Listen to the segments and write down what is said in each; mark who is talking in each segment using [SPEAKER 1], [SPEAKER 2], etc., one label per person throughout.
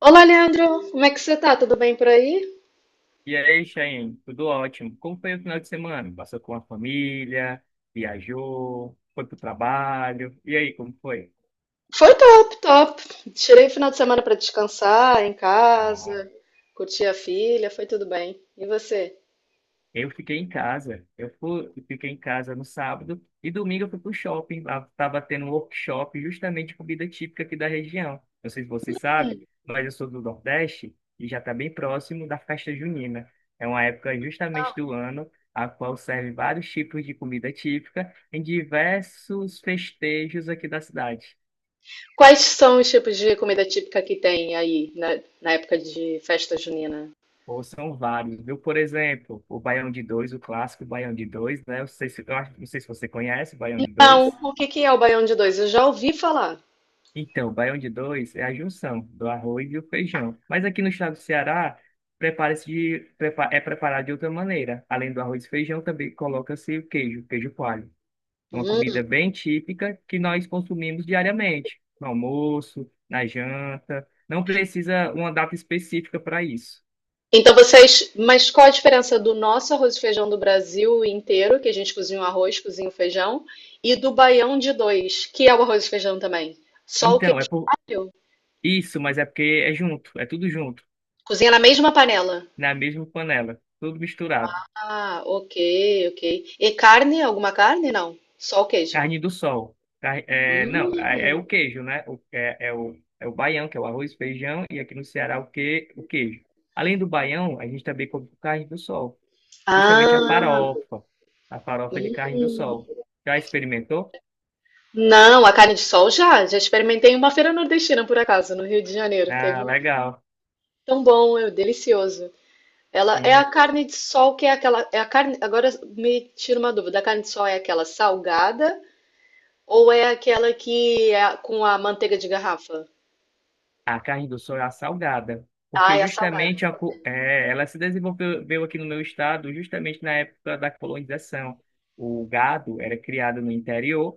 [SPEAKER 1] Olá, Leandro, como é que você tá? Tudo bem por aí?
[SPEAKER 2] E aí, Chayane, tudo ótimo. Como foi o final de semana? Passou com a família, viajou, foi pro trabalho. E aí, como foi?
[SPEAKER 1] Foi top, top. Tirei o final de semana pra descansar em
[SPEAKER 2] Ah,
[SPEAKER 1] casa, curtir a filha, foi tudo bem. E você?
[SPEAKER 2] eu fiquei em casa. Eu fiquei em casa no sábado e domingo eu fui pro shopping. Lá estava tendo um workshop justamente de comida típica aqui da região. Não sei se você sabe, mas eu sou do Nordeste e já está bem próximo da festa junina. É uma época justamente do ano a qual serve vários tipos de comida típica em diversos festejos aqui da cidade.
[SPEAKER 1] Quais são os tipos de comida típica que tem aí na época de festa junina?
[SPEAKER 2] Ou são vários, viu? Por exemplo, o Baião de Dois, o clássico Baião de Dois, né? Eu sei se- eu acho- não sei se você conhece o Baião de
[SPEAKER 1] Não,
[SPEAKER 2] Dois.
[SPEAKER 1] o que que é o baião de dois? Eu já ouvi falar.
[SPEAKER 2] Então, o baião de dois é a junção do arroz e o feijão. Mas aqui no estado do Ceará, é preparado de outra maneira. Além do arroz e feijão, também coloca-se o queijo, queijo coalho. É uma
[SPEAKER 1] Hum.
[SPEAKER 2] comida bem típica que nós consumimos diariamente, no almoço, na janta. Não precisa uma data específica para isso.
[SPEAKER 1] Então vocês, mas qual a diferença do nosso arroz e feijão do Brasil inteiro, que a gente cozinha o arroz, cozinha o feijão, e do baião de dois, que é o arroz e feijão também? Só o
[SPEAKER 2] Então, é
[SPEAKER 1] queijo.
[SPEAKER 2] por isso, mas é porque é junto, é tudo junto,
[SPEAKER 1] Cozinha na mesma panela.
[SPEAKER 2] na mesma panela, tudo misturado.
[SPEAKER 1] Ah, ok, ok. E carne? Alguma carne? Não. Só o queijo.
[SPEAKER 2] Carne do sol. Não, é o
[SPEAKER 1] Hum.
[SPEAKER 2] queijo, né? É o baião, que é o arroz, feijão, e aqui no Ceará o queijo. Além do baião, a gente também come carne do sol. Justamente a
[SPEAKER 1] Ah,
[SPEAKER 2] farofa. A farofa de carne do sol. Já experimentou?
[SPEAKER 1] não, a carne de sol já. Já experimentei em uma feira nordestina, por acaso, no Rio de Janeiro. Teve
[SPEAKER 2] Ah,
[SPEAKER 1] uma.
[SPEAKER 2] legal.
[SPEAKER 1] Tão bom, é delicioso. Ela é a
[SPEAKER 2] Sim,
[SPEAKER 1] carne de sol que é aquela. É a carne. Agora me tira uma dúvida. A carne de sol é aquela salgada ou é aquela que é com a manteiga de garrafa?
[SPEAKER 2] a carne do sol é a salgada.
[SPEAKER 1] Ah,
[SPEAKER 2] Porque
[SPEAKER 1] é a salgada.
[SPEAKER 2] justamente ela se desenvolveu veio aqui no meu estado justamente na época da colonização. O gado era criado no interior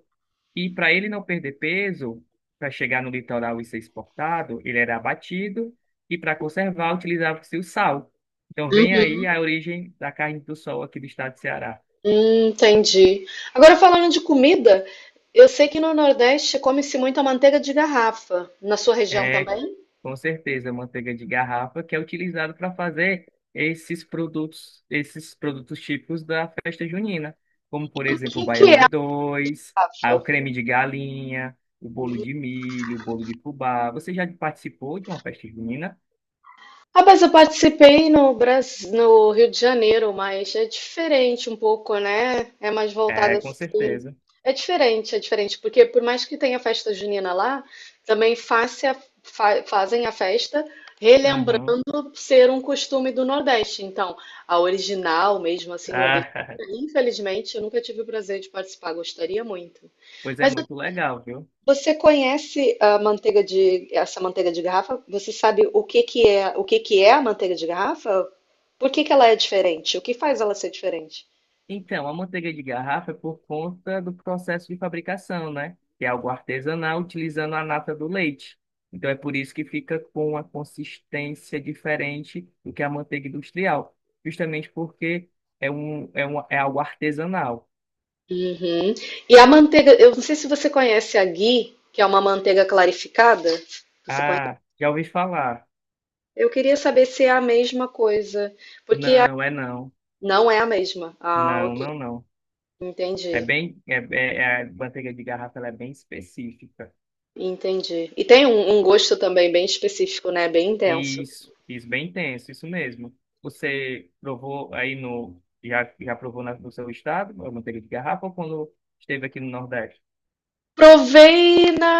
[SPEAKER 2] e para ele não perder peso, para chegar no litoral e ser exportado, ele era abatido e para conservar utilizava-se o sal. Então vem aí a origem da carne do sol aqui do estado de Ceará.
[SPEAKER 1] Entendi. Agora falando de comida, eu sei que no Nordeste come-se muito a manteiga de garrafa. Na sua região
[SPEAKER 2] É,
[SPEAKER 1] também?
[SPEAKER 2] com certeza, a manteiga de garrafa que é utilizada para fazer esses produtos típicos da festa junina, como por
[SPEAKER 1] O
[SPEAKER 2] exemplo o
[SPEAKER 1] que que
[SPEAKER 2] baião
[SPEAKER 1] é
[SPEAKER 2] de
[SPEAKER 1] a
[SPEAKER 2] dois, ah, o
[SPEAKER 1] garrafa?
[SPEAKER 2] creme de galinha, o bolo de milho, o bolo de fubá. Você já participou de uma festa junina?
[SPEAKER 1] Rapaz, eu participei no Brasil, no Rio de Janeiro, mas é diferente um pouco, né? É mais voltada
[SPEAKER 2] É, com
[SPEAKER 1] assim.
[SPEAKER 2] certeza.
[SPEAKER 1] É diferente, porque por mais que tenha festa junina lá, também fazem a festa
[SPEAKER 2] Uhum.
[SPEAKER 1] ser um costume do Nordeste. Então, a original, mesmo assim, nordestina,
[SPEAKER 2] Ah,
[SPEAKER 1] infelizmente, eu nunca tive o prazer de participar, gostaria muito.
[SPEAKER 2] pois é
[SPEAKER 1] Mas
[SPEAKER 2] muito legal, viu?
[SPEAKER 1] você conhece a manteiga de, essa manteiga de garrafa? Você sabe o que que é, o que que é a manteiga de garrafa? Por que que ela é diferente? O que faz ela ser diferente?
[SPEAKER 2] Então, a manteiga de garrafa é por conta do processo de fabricação, né? Que é algo artesanal utilizando a nata do leite. Então, é por isso que fica com uma consistência diferente do que a manteiga industrial, justamente porque é algo artesanal.
[SPEAKER 1] Uhum. E a manteiga, eu não sei se você conhece a ghee, que é uma manteiga clarificada. Você conhece?
[SPEAKER 2] Ah, já ouvi falar.
[SPEAKER 1] Eu queria saber se é a mesma coisa, porque a-
[SPEAKER 2] Não, é não.
[SPEAKER 1] não é a mesma. Ah,
[SPEAKER 2] Não,
[SPEAKER 1] ok.
[SPEAKER 2] não, não.
[SPEAKER 1] Entendi,
[SPEAKER 2] É bem, é, é, é- a manteiga de garrafa ela é bem específica.
[SPEAKER 1] entendi. E tem um gosto também bem específico, né? Bem intenso.
[SPEAKER 2] Isso bem tenso, isso mesmo. Você provou aí no. Já provou no seu estado, a manteiga de garrafa, ou quando esteve aqui no Nordeste?
[SPEAKER 1] Provei na,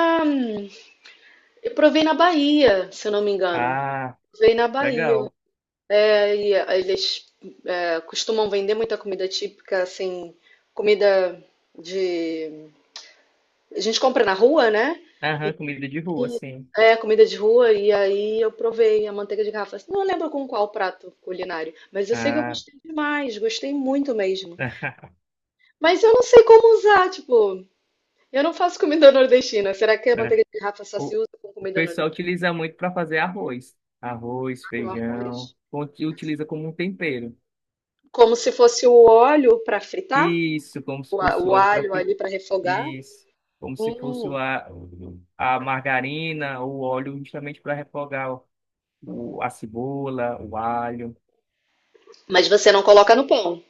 [SPEAKER 1] eu provei na Bahia, se eu não me engano.
[SPEAKER 2] Ah,
[SPEAKER 1] Provei na Bahia.
[SPEAKER 2] legal.
[SPEAKER 1] É, eles é, costumam vender muita comida típica, assim, comida de. A gente compra na rua, né?
[SPEAKER 2] Aham, comida de rua,
[SPEAKER 1] E,
[SPEAKER 2] sim.
[SPEAKER 1] é, comida de rua, e aí eu provei a manteiga de garrafa. Não lembro com qual prato culinário, mas eu sei que eu
[SPEAKER 2] Ah,
[SPEAKER 1] gostei demais, gostei muito mesmo. Mas eu não sei como usar, tipo. Eu não faço comida nordestina. Será que a
[SPEAKER 2] é.
[SPEAKER 1] manteiga de garrafa só
[SPEAKER 2] o,
[SPEAKER 1] se usa com
[SPEAKER 2] o
[SPEAKER 1] comida
[SPEAKER 2] pessoal
[SPEAKER 1] nordestina,
[SPEAKER 2] utiliza muito para fazer arroz. Arroz,
[SPEAKER 1] o
[SPEAKER 2] feijão,
[SPEAKER 1] arroz?
[SPEAKER 2] utiliza como um tempero.
[SPEAKER 1] Como se fosse o óleo para fritar,
[SPEAKER 2] Isso, como se fosse o
[SPEAKER 1] o
[SPEAKER 2] óleo para.
[SPEAKER 1] alho ali para refogar.
[SPEAKER 2] Isso, como se fosse
[SPEAKER 1] Hum.
[SPEAKER 2] a margarina ou o óleo justamente para refogar a cebola, o alho.
[SPEAKER 1] Mas você não coloca no pão,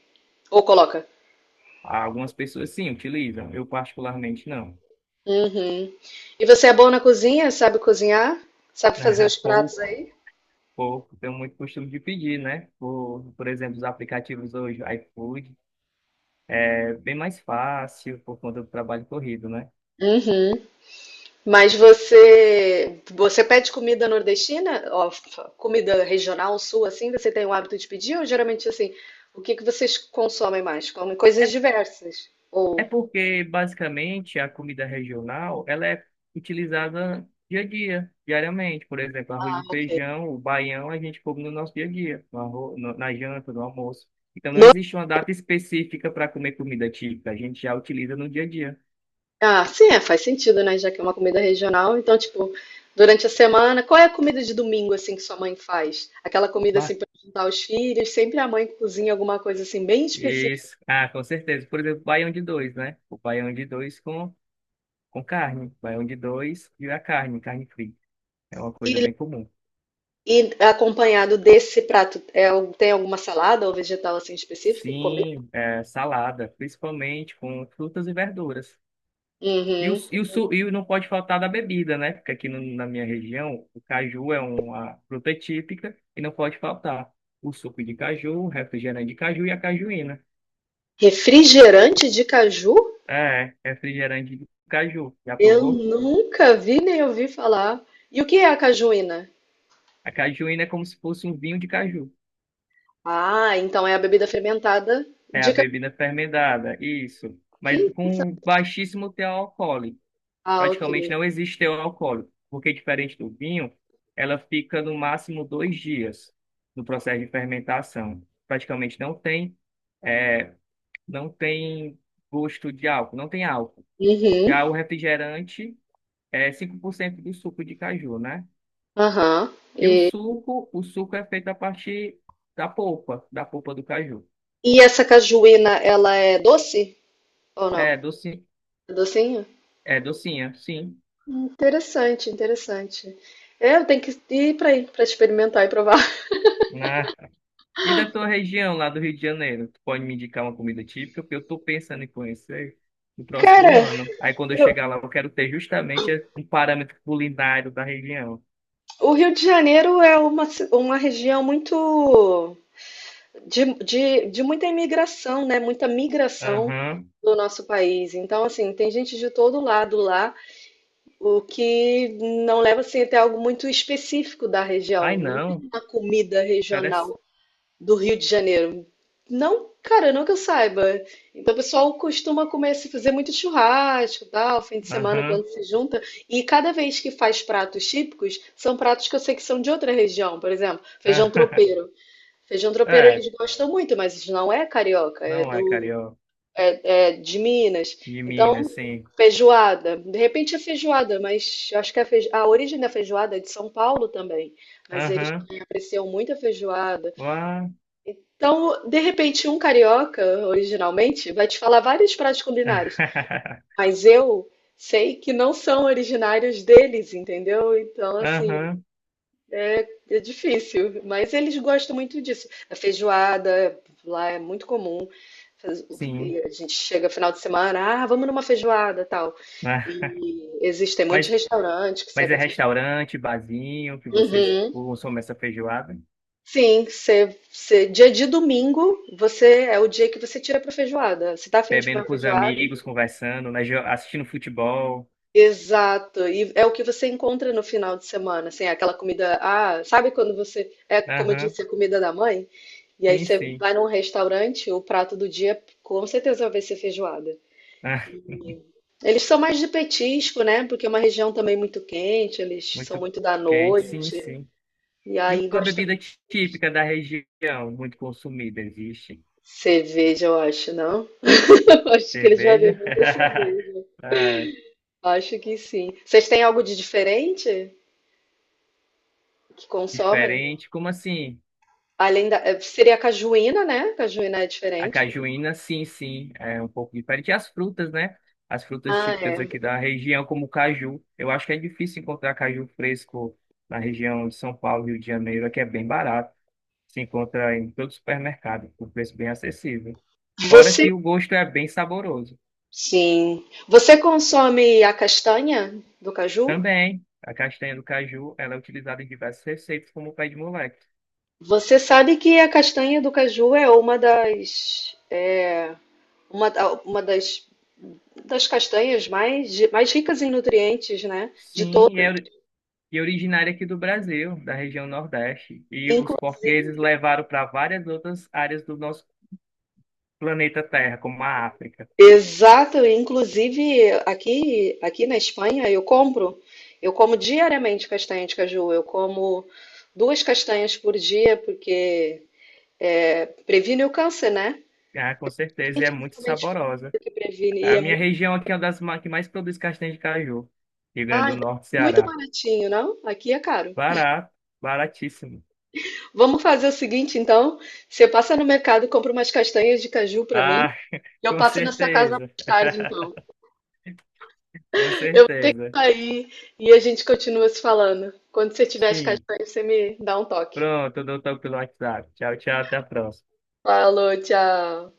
[SPEAKER 1] ou coloca?
[SPEAKER 2] Algumas pessoas sim utilizam, eu particularmente não.
[SPEAKER 1] Uhum. E você é bom na cozinha? Sabe cozinhar? Sabe fazer os pratos
[SPEAKER 2] Pouco,
[SPEAKER 1] aí?
[SPEAKER 2] pouco, tenho muito costume de pedir, né? Por exemplo, os aplicativos hoje, iFood, é bem mais fácil por conta do trabalho corrido, né?
[SPEAKER 1] Uhum. Mas você pede comida nordestina, ó, comida regional sul assim, você tem o hábito de pedir ou geralmente assim, o que que vocês consomem mais? Comem coisas diversas
[SPEAKER 2] É
[SPEAKER 1] ou
[SPEAKER 2] porque, basicamente, a comida regional, ela é utilizada dia a dia, diariamente. Por exemplo, arroz
[SPEAKER 1] Ah,
[SPEAKER 2] e
[SPEAKER 1] ok.
[SPEAKER 2] feijão, o baião, a gente come no nosso dia a dia, na janta, no almoço. Então, não
[SPEAKER 1] No-
[SPEAKER 2] existe uma data específica para comer comida típica, a gente já utiliza no dia a dia.
[SPEAKER 1] Ah, sim, é, faz sentido, né? Já que é uma comida regional, então tipo, durante a semana, qual é a comida de domingo assim que sua mãe faz? Aquela comida assim
[SPEAKER 2] Ba-
[SPEAKER 1] para juntar os filhos, sempre a mãe cozinha alguma coisa assim bem específica.
[SPEAKER 2] Isso. Ah, com certeza. Por exemplo, baião de dois, né? O baião de dois com carne. Baião de dois e a carne, carne frita. É uma
[SPEAKER 1] E,
[SPEAKER 2] coisa bem comum.
[SPEAKER 1] e acompanhado desse prato, é, al- tem alguma salada ou vegetal assim específico?
[SPEAKER 2] Sim, salada, principalmente com frutas e verduras. E, o,
[SPEAKER 1] Uhum.
[SPEAKER 2] e, o, su- e não pode faltar da bebida, né? Porque aqui na minha região, o caju é uma fruta típica e não pode faltar o suco de caju, o refrigerante de caju e a cajuína.
[SPEAKER 1] Refrigerante de caju?
[SPEAKER 2] É, refrigerante de caju. Já
[SPEAKER 1] Eu
[SPEAKER 2] provou?
[SPEAKER 1] nunca vi nem ouvi falar. E o que é a cajuína?
[SPEAKER 2] A cajuína é como se fosse um vinho de caju.
[SPEAKER 1] Ah, então é a bebida fermentada
[SPEAKER 2] É a
[SPEAKER 1] de caju.
[SPEAKER 2] bebida fermentada, isso.
[SPEAKER 1] Que
[SPEAKER 2] Mas com
[SPEAKER 1] interessante.
[SPEAKER 2] baixíssimo teor alcoólico.
[SPEAKER 1] Ah, ok.
[SPEAKER 2] Praticamente não existe teor alcoólico, porque diferente do vinho, ela fica no máximo 2 dias no processo de fermentação. Praticamente não tem, é, não tem gosto de álcool, não tem álcool.
[SPEAKER 1] Uhum.
[SPEAKER 2] Já o refrigerante é 5% do suco de caju, né?
[SPEAKER 1] Aham.
[SPEAKER 2] E o
[SPEAKER 1] E,
[SPEAKER 2] suco, o suco é feito a partir da polpa do caju.
[SPEAKER 1] e essa cajuína, ela é doce ou não?
[SPEAKER 2] É, docinha,
[SPEAKER 1] É docinho?
[SPEAKER 2] é docinha, sim.
[SPEAKER 1] Interessante, interessante. É, eu tenho que ir para aí, para experimentar e provar.
[SPEAKER 2] E da tua região lá do Rio de Janeiro, tu pode me indicar uma comida típica, porque eu tô pensando em conhecer no próximo
[SPEAKER 1] Cara,
[SPEAKER 2] ano. Aí quando eu
[SPEAKER 1] eu-
[SPEAKER 2] chegar lá, eu quero ter justamente um parâmetro culinário da região.
[SPEAKER 1] o Rio de Janeiro é uma região muito de muita imigração, né? Muita migração
[SPEAKER 2] Aham.
[SPEAKER 1] do nosso país. Então, assim, tem gente de todo lado lá, o que não leva assim, até algo muito específico da
[SPEAKER 2] Ai,
[SPEAKER 1] região. Não tem
[SPEAKER 2] não.
[SPEAKER 1] uma comida
[SPEAKER 2] Parece.
[SPEAKER 1] regional do Rio de Janeiro. Não, cara, não que eu saiba. Então, o pessoal costuma comer, se fazer muito churrasco, tal, fim de semana
[SPEAKER 2] Aham.
[SPEAKER 1] quando se junta. E cada vez que faz pratos típicos, são pratos que eu sei que são de outra região. Por exemplo, feijão
[SPEAKER 2] Aham.
[SPEAKER 1] tropeiro. Feijão tropeiro
[SPEAKER 2] É,
[SPEAKER 1] eles gostam muito, mas não é carioca, é
[SPEAKER 2] não é
[SPEAKER 1] do,
[SPEAKER 2] carioca.
[SPEAKER 1] é de Minas.
[SPEAKER 2] De
[SPEAKER 1] Então,
[SPEAKER 2] Minas, sim.
[SPEAKER 1] feijoada. De repente é feijoada, mas eu acho que a, a origem da feijoada é de São Paulo também. Mas eles
[SPEAKER 2] Aham.
[SPEAKER 1] também apreciam muito a feijoada.
[SPEAKER 2] Lá.
[SPEAKER 1] Então, de repente, um carioca, originalmente, vai te falar vários pratos culinários. Mas eu sei que não são originários deles, entendeu? Então, assim,
[SPEAKER 2] Aham.
[SPEAKER 1] é difícil, mas eles gostam muito disso. A feijoada lá é muito comum. Faz-
[SPEAKER 2] Sim.
[SPEAKER 1] e a gente chega final de semana, ah, vamos numa feijoada, tal.
[SPEAKER 2] Ah,
[SPEAKER 1] E existem muitos
[SPEAKER 2] Mas,
[SPEAKER 1] restaurantes que
[SPEAKER 2] mas é
[SPEAKER 1] servem feijoada.
[SPEAKER 2] restaurante, barzinho, que vocês
[SPEAKER 1] Uhum.
[SPEAKER 2] consomem essa feijoada?
[SPEAKER 1] Sim, dia de domingo, você é o dia que você tira para feijoada. Você tá afim de comer
[SPEAKER 2] Bebendo
[SPEAKER 1] uma
[SPEAKER 2] com os
[SPEAKER 1] feijoada?
[SPEAKER 2] amigos, conversando, né, assistindo futebol.
[SPEAKER 1] Exato, e é o que você encontra no final de semana, assim, aquela comida, ah, sabe quando você, é como eu
[SPEAKER 2] Aham,
[SPEAKER 1] disse, a comida da mãe? E aí
[SPEAKER 2] sim,
[SPEAKER 1] você
[SPEAKER 2] sim.
[SPEAKER 1] vai num restaurante, o prato do dia com certeza vai ser feijoada.
[SPEAKER 2] Ah,
[SPEAKER 1] Eles são mais de petisco, né? Porque é uma região também muito quente, eles são
[SPEAKER 2] muito
[SPEAKER 1] muito da
[SPEAKER 2] quente, sim,
[SPEAKER 1] noite.
[SPEAKER 2] sim.
[SPEAKER 1] E
[SPEAKER 2] E
[SPEAKER 1] aí
[SPEAKER 2] uma
[SPEAKER 1] gostam
[SPEAKER 2] bebida típica da região, muito consumida, existe.
[SPEAKER 1] cerveja, eu acho, não? Eu acho que eles vão ver
[SPEAKER 2] Cerveja?
[SPEAKER 1] muita cerveja.
[SPEAKER 2] Ah,
[SPEAKER 1] Acho que sim. Vocês têm algo de diferente que consomem?
[SPEAKER 2] diferente. Como assim?
[SPEAKER 1] Além da, eh, seria a cajuína, né? Cajuína é
[SPEAKER 2] A
[SPEAKER 1] diferente.
[SPEAKER 2] cajuína, sim, sim, é um pouco diferente. E as frutas, né? As frutas
[SPEAKER 1] Ah,
[SPEAKER 2] típicas aqui
[SPEAKER 1] é.
[SPEAKER 2] da região, como o caju. Eu acho que é difícil encontrar caju fresco na região de São Paulo, Rio de Janeiro, aqui é bem barato. Se encontra em todo supermercado, por preço bem acessível. Fora
[SPEAKER 1] Você,
[SPEAKER 2] que o gosto é bem saboroso.
[SPEAKER 1] sim. Você consome a castanha do caju?
[SPEAKER 2] Também, a castanha do caju, ela é utilizada em diversas receitas, como o pé de moleque.
[SPEAKER 1] Você sabe que a castanha do caju é uma das é, uma das, das castanhas mais ricas em nutrientes, né? De
[SPEAKER 2] Sim, e
[SPEAKER 1] todas.
[SPEAKER 2] é, ori- e originária aqui do Brasil, da região Nordeste. E os
[SPEAKER 1] Inclusive,
[SPEAKER 2] portugueses levaram para várias outras áreas do nosso planeta Terra, como a África.
[SPEAKER 1] exato, inclusive aqui, aqui na Espanha eu compro, eu como diariamente castanha de caju, eu como duas castanhas por dia porque é, previne o câncer, né?
[SPEAKER 2] Ah, com certeza, e é muito
[SPEAKER 1] Principalmente
[SPEAKER 2] saborosa.
[SPEAKER 1] porque previne e
[SPEAKER 2] A
[SPEAKER 1] é
[SPEAKER 2] minha
[SPEAKER 1] muito,
[SPEAKER 2] região aqui é uma das que mais produz castanha de caju. Rio Grande do
[SPEAKER 1] ai,
[SPEAKER 2] Norte,
[SPEAKER 1] muito
[SPEAKER 2] Ceará.
[SPEAKER 1] baratinho, não? Aqui é caro.
[SPEAKER 2] Barato, baratíssimo.
[SPEAKER 1] Vamos fazer o seguinte, então. Você passa no mercado, compra umas castanhas de caju pra mim.
[SPEAKER 2] Ah,
[SPEAKER 1] E eu
[SPEAKER 2] com
[SPEAKER 1] passo na sua casa
[SPEAKER 2] certeza.
[SPEAKER 1] mais tarde, então.
[SPEAKER 2] Com
[SPEAKER 1] Eu vou ter que
[SPEAKER 2] certeza.
[SPEAKER 1] sair e a gente continua se falando. Quando você tiver as
[SPEAKER 2] Sim.
[SPEAKER 1] castanhas, você me dá um toque.
[SPEAKER 2] Pronto, eu dou toque pelo WhatsApp. Tchau, tchau, até a próxima.
[SPEAKER 1] Falou, tchau.